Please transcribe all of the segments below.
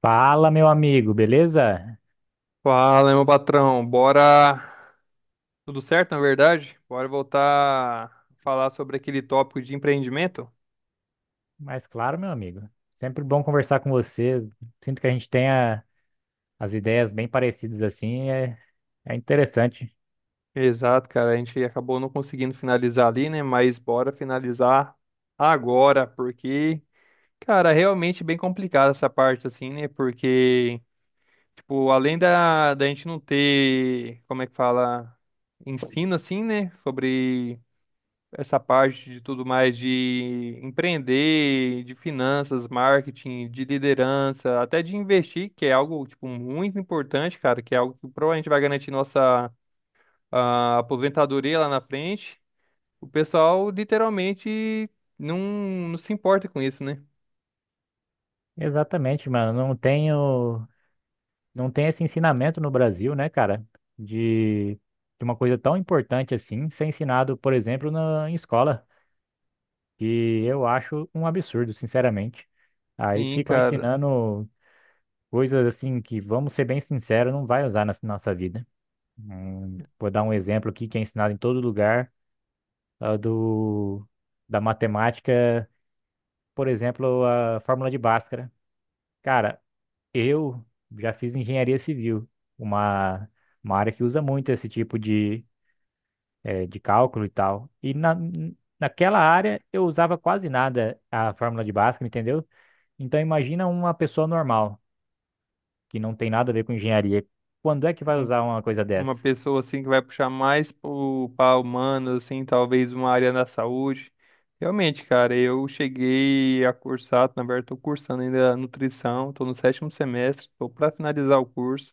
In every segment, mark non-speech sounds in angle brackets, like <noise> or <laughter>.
Fala, meu amigo, beleza? Fala, meu patrão. Bora. Tudo certo, na verdade? Bora voltar a falar sobre aquele tópico de empreendimento? Mas claro, meu amigo. Sempre bom conversar com você. Sinto que a gente tenha as ideias bem parecidas assim, é interessante. Exato, cara. A gente acabou não conseguindo finalizar ali, né? Mas bora finalizar agora, porque, cara, realmente bem complicada essa parte, assim, né? Porque, tipo, além da gente não ter, como é que fala, ensino, assim, né? Sobre essa parte de tudo mais de empreender, de finanças, marketing, de liderança, até de investir, que é algo tipo muito importante, cara, que é algo que provavelmente vai garantir nossa aposentadoria lá na frente. O pessoal literalmente não, não se importa com isso, né? Exatamente, mano. Não tem esse ensinamento no Brasil, né, cara? De uma coisa tão importante assim ser ensinado, por exemplo, em escola, que eu acho um absurdo, sinceramente. Aí Sim, ficam cara. ensinando coisas assim que, vamos ser bem sinceros, não vai usar na nossa vida. Vou dar um exemplo aqui que é ensinado em todo lugar, ah, do, da matemática, por exemplo, a fórmula de Bhaskara. Cara, eu já fiz engenharia civil, uma, uma área que usa muito esse tipo de, de cálculo e tal. Naquela área eu usava quase nada a fórmula de Bhaskara, entendeu? Então imagina uma pessoa normal, que não tem nada a ver com engenharia. Quando é que vai usar uma coisa Uma dessa? pessoa assim que vai puxar mais para humanas, assim, talvez uma área da saúde. Realmente, cara, eu cheguei a cursar, na verdade, estou cursando ainda nutrição, estou no sétimo semestre, estou para finalizar o curso.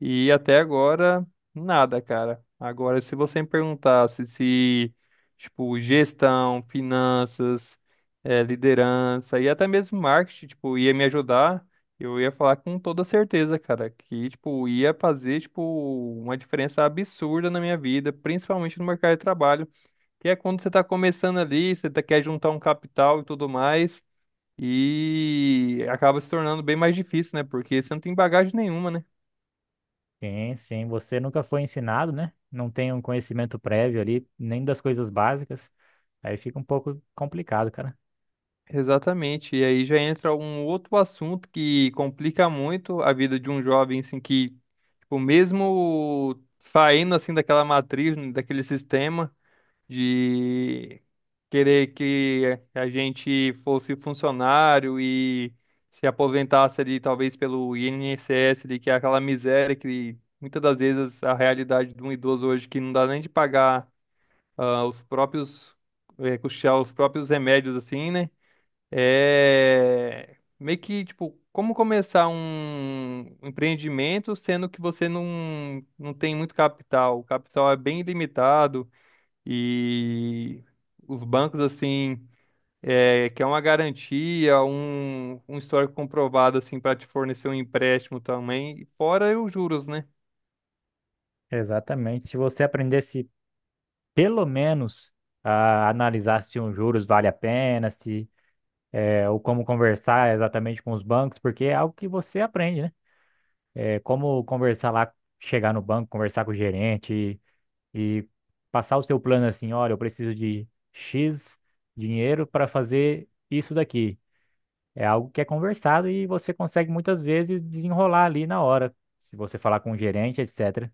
E até agora, nada, cara. Agora, se você me perguntasse se, tipo, gestão, finanças, liderança e até mesmo marketing, tipo, ia me ajudar, eu ia falar com toda certeza, cara, que, tipo, ia fazer, tipo, uma diferença absurda na minha vida, principalmente no mercado de trabalho, que é quando você tá começando ali, você quer juntar um capital e tudo mais, e acaba se tornando bem mais difícil, né? Porque você não tem bagagem nenhuma, né? Sim, sim. Você nunca foi ensinado, né? Não tem um conhecimento prévio ali, nem das coisas básicas. Aí fica um pouco complicado, cara. Exatamente. E aí já entra um outro assunto que complica muito a vida de um jovem, assim, que, tipo, mesmo saindo, assim, daquela matriz, né, daquele sistema de querer que a gente fosse funcionário e se aposentasse ali, talvez pelo INSS ali, que é aquela miséria que muitas das vezes a realidade de um idoso hoje que não dá nem de pagar os custear os próprios remédios, assim, né? É meio que, tipo, como começar um empreendimento sendo que você não tem muito capital? O capital é bem limitado e os bancos, assim, é, que é uma garantia, um histórico comprovado, assim, para te fornecer um empréstimo também. E fora os juros, né? Exatamente. Se você aprendesse pelo menos a analisar se um juros vale a pena, se é, ou como conversar exatamente com os bancos, porque é algo que você aprende, né? É como conversar lá, chegar no banco, conversar com o gerente e passar o seu plano assim, olha, eu preciso de X dinheiro para fazer isso daqui. É algo que é conversado e você consegue muitas vezes desenrolar ali na hora, se você falar com o gerente, etc.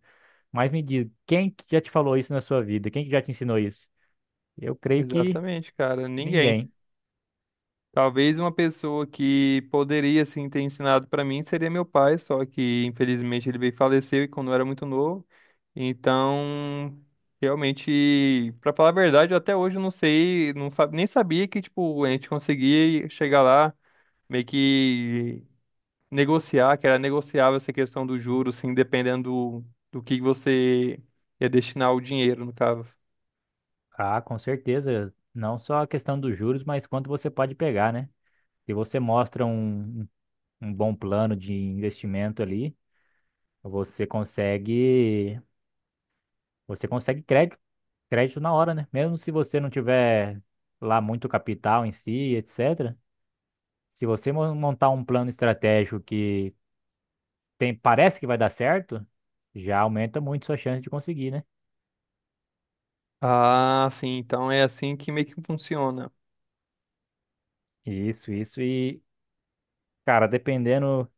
Mas me diz, quem que já te falou isso na sua vida? Quem que já te ensinou isso? Eu creio que Exatamente, cara. Ninguém. ninguém. Talvez uma pessoa que poderia assim ter ensinado para mim seria meu pai, só que infelizmente ele veio e faleceu e quando eu era muito novo. Então, realmente, para falar a verdade, eu até hoje não sei, nem sabia que tipo a gente conseguia chegar lá, meio que negociar, que era negociável essa questão do juros, assim, dependendo do que você ia destinar o dinheiro, no caso. Ah, com certeza. Não só a questão dos juros, mas quanto você pode pegar, né? Se você mostra um bom plano de investimento ali, você consegue, você consegue crédito, crédito na hora, né? Mesmo se você não tiver lá muito capital em si, etc. Se você montar um plano estratégico que tem, parece que vai dar certo, já aumenta muito sua chance de conseguir, né? Ah, sim, então é assim que meio que funciona. Isso, isso. E, cara, dependendo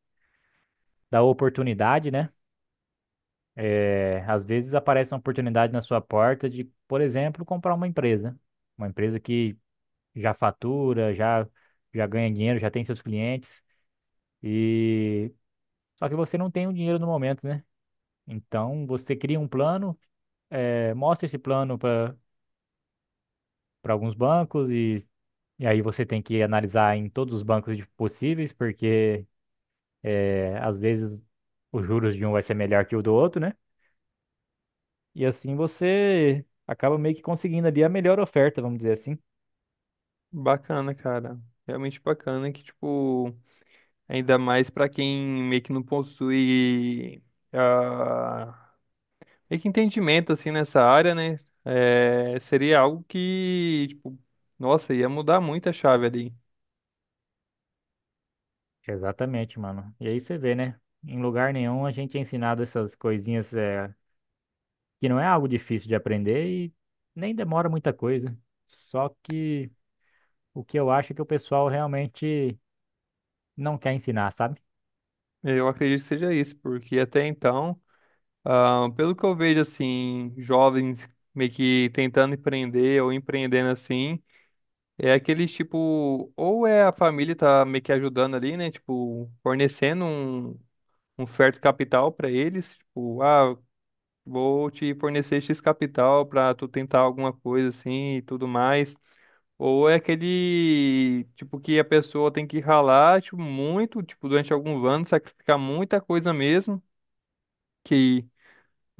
da oportunidade, né? É, às vezes aparece uma oportunidade na sua porta de, por exemplo, comprar uma empresa. Uma empresa que já fatura, já ganha dinheiro, já tem seus clientes. E só que você não tem o dinheiro no momento, né? Então você cria um plano, é, mostra esse plano para alguns bancos e aí você tem que analisar em todos os bancos possíveis, porque é, às vezes os juros de um vai ser melhor que o do outro, né? E assim você acaba meio que conseguindo ali a melhor oferta, vamos dizer assim. Bacana, cara. Realmente bacana que, tipo, ainda mais pra quem meio que não possui ah, meio que entendimento, assim, nessa área, né? É, seria algo que, tipo, nossa, ia mudar muito a chave ali. Exatamente, mano. E aí você vê, né? Em lugar nenhum a gente é ensinado essas coisinhas é, que não é algo difícil de aprender e nem demora muita coisa. Só que o que eu acho é que o pessoal realmente não quer ensinar, sabe? Eu acredito que seja isso, porque até então, pelo que eu vejo, assim, jovens meio que tentando empreender ou empreendendo assim, é aquele tipo, ou é a família tá meio que ajudando ali, né? Tipo, fornecendo um certo capital para eles, tipo, vou te fornecer X capital para tu tentar alguma coisa assim e tudo mais. Ou é aquele tipo que a pessoa tem que ralar, tipo, muito, tipo, durante alguns anos, sacrificar muita coisa mesmo, que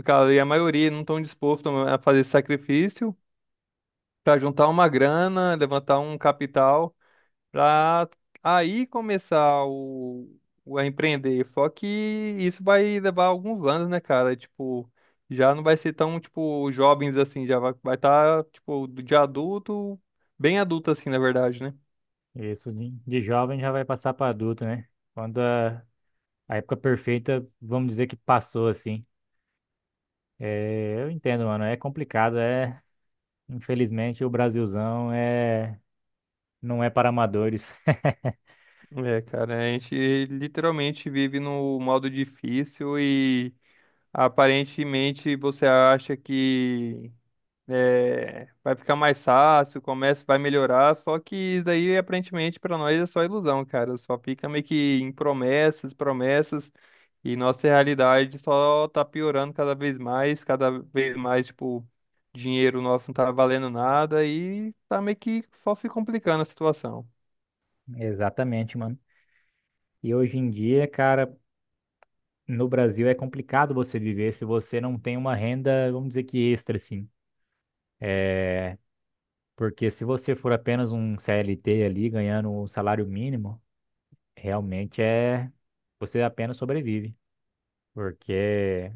cara, e a maioria não estão dispostos a fazer esse sacrifício para juntar uma grana, levantar um capital. Para aí começar o a empreender. Só que isso vai levar alguns anos, né, cara? Tipo, já não vai ser tão, tipo, jovens assim, já vai estar, tipo, de adulto, bem adulto assim, na verdade, né? Isso de jovem já vai passar para adulto, né? Quando a época perfeita, vamos dizer que passou assim. É, eu entendo, mano, é complicado, é, infelizmente o Brasilzão é não é para amadores. <laughs> É, cara, a gente literalmente vive no modo difícil e aparentemente você acha que vai ficar mais fácil, o comércio vai melhorar, só que isso daí aparentemente para nós é só ilusão, cara. Só fica meio que em promessas, promessas, e nossa realidade só tá piorando cada vez mais, tipo, dinheiro nosso não tá valendo nada e tá meio que só se complicando a situação. Exatamente, mano. E hoje em dia, cara, no Brasil é complicado você viver se você não tem uma renda, vamos dizer que extra, assim. É, porque se você for apenas um CLT ali ganhando um salário mínimo, realmente é você apenas sobrevive. Porque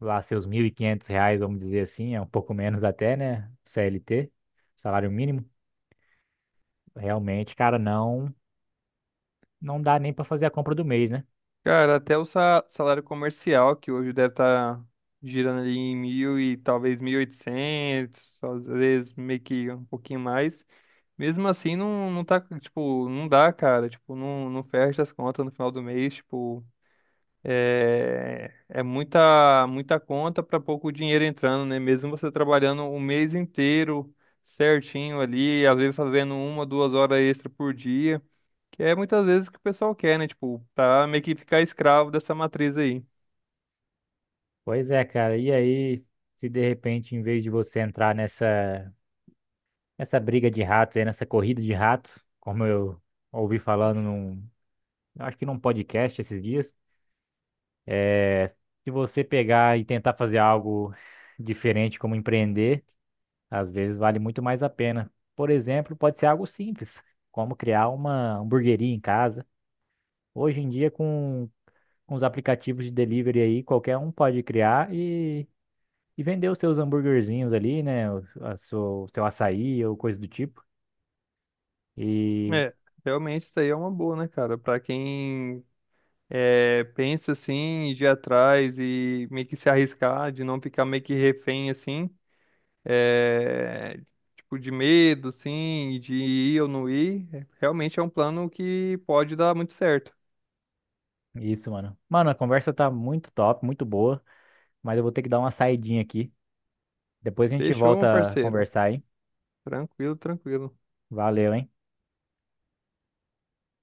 lá seus R$ 1.500, vamos dizer assim, é um pouco menos até, né? CLT, salário mínimo, realmente, cara, não dá nem para fazer a compra do mês, né? Cara, até o salário comercial, que hoje deve estar girando ali em 1.000 e talvez 1.800, às vezes meio que um pouquinho mais. Mesmo assim, não tá, tipo, não dá, cara. Tipo, não fecha as contas no final do mês, tipo, é muita, muita conta para pouco dinheiro entrando, né? Mesmo você trabalhando o mês inteiro certinho ali, às vezes fazendo uma, 2 horas extra por dia, que é muitas vezes o que o pessoal quer, né? Tipo, pra meio que ficar escravo dessa matriz aí. Pois é, cara. E aí, se de repente, em vez de você entrar nessa nessa briga de ratos aí, nessa corrida de ratos, como eu ouvi falando num, acho que num podcast esses dias, é, se você pegar e tentar fazer algo diferente, como empreender. Às vezes vale muito mais a pena. Por exemplo, pode ser algo simples, como criar uma hamburgueria em casa. Hoje em dia, com os aplicativos de delivery aí, qualquer um pode criar e vender os seus hambúrguerzinhos ali, né? O seu açaí ou coisa do tipo. E É, realmente isso aí é uma boa, né, cara? Pra quem é, pensa assim, de ir atrás e meio que se arriscar, de não ficar meio que refém assim, é, tipo de medo, assim, de ir ou não ir, é, realmente é um plano que pode dar muito certo. isso, mano. Mano, a conversa tá muito top, muito boa, mas eu vou ter que dar uma saidinha aqui. Depois a gente Fechou, meu volta a parceiro? conversar aí. Tranquilo, tranquilo. Valeu, hein?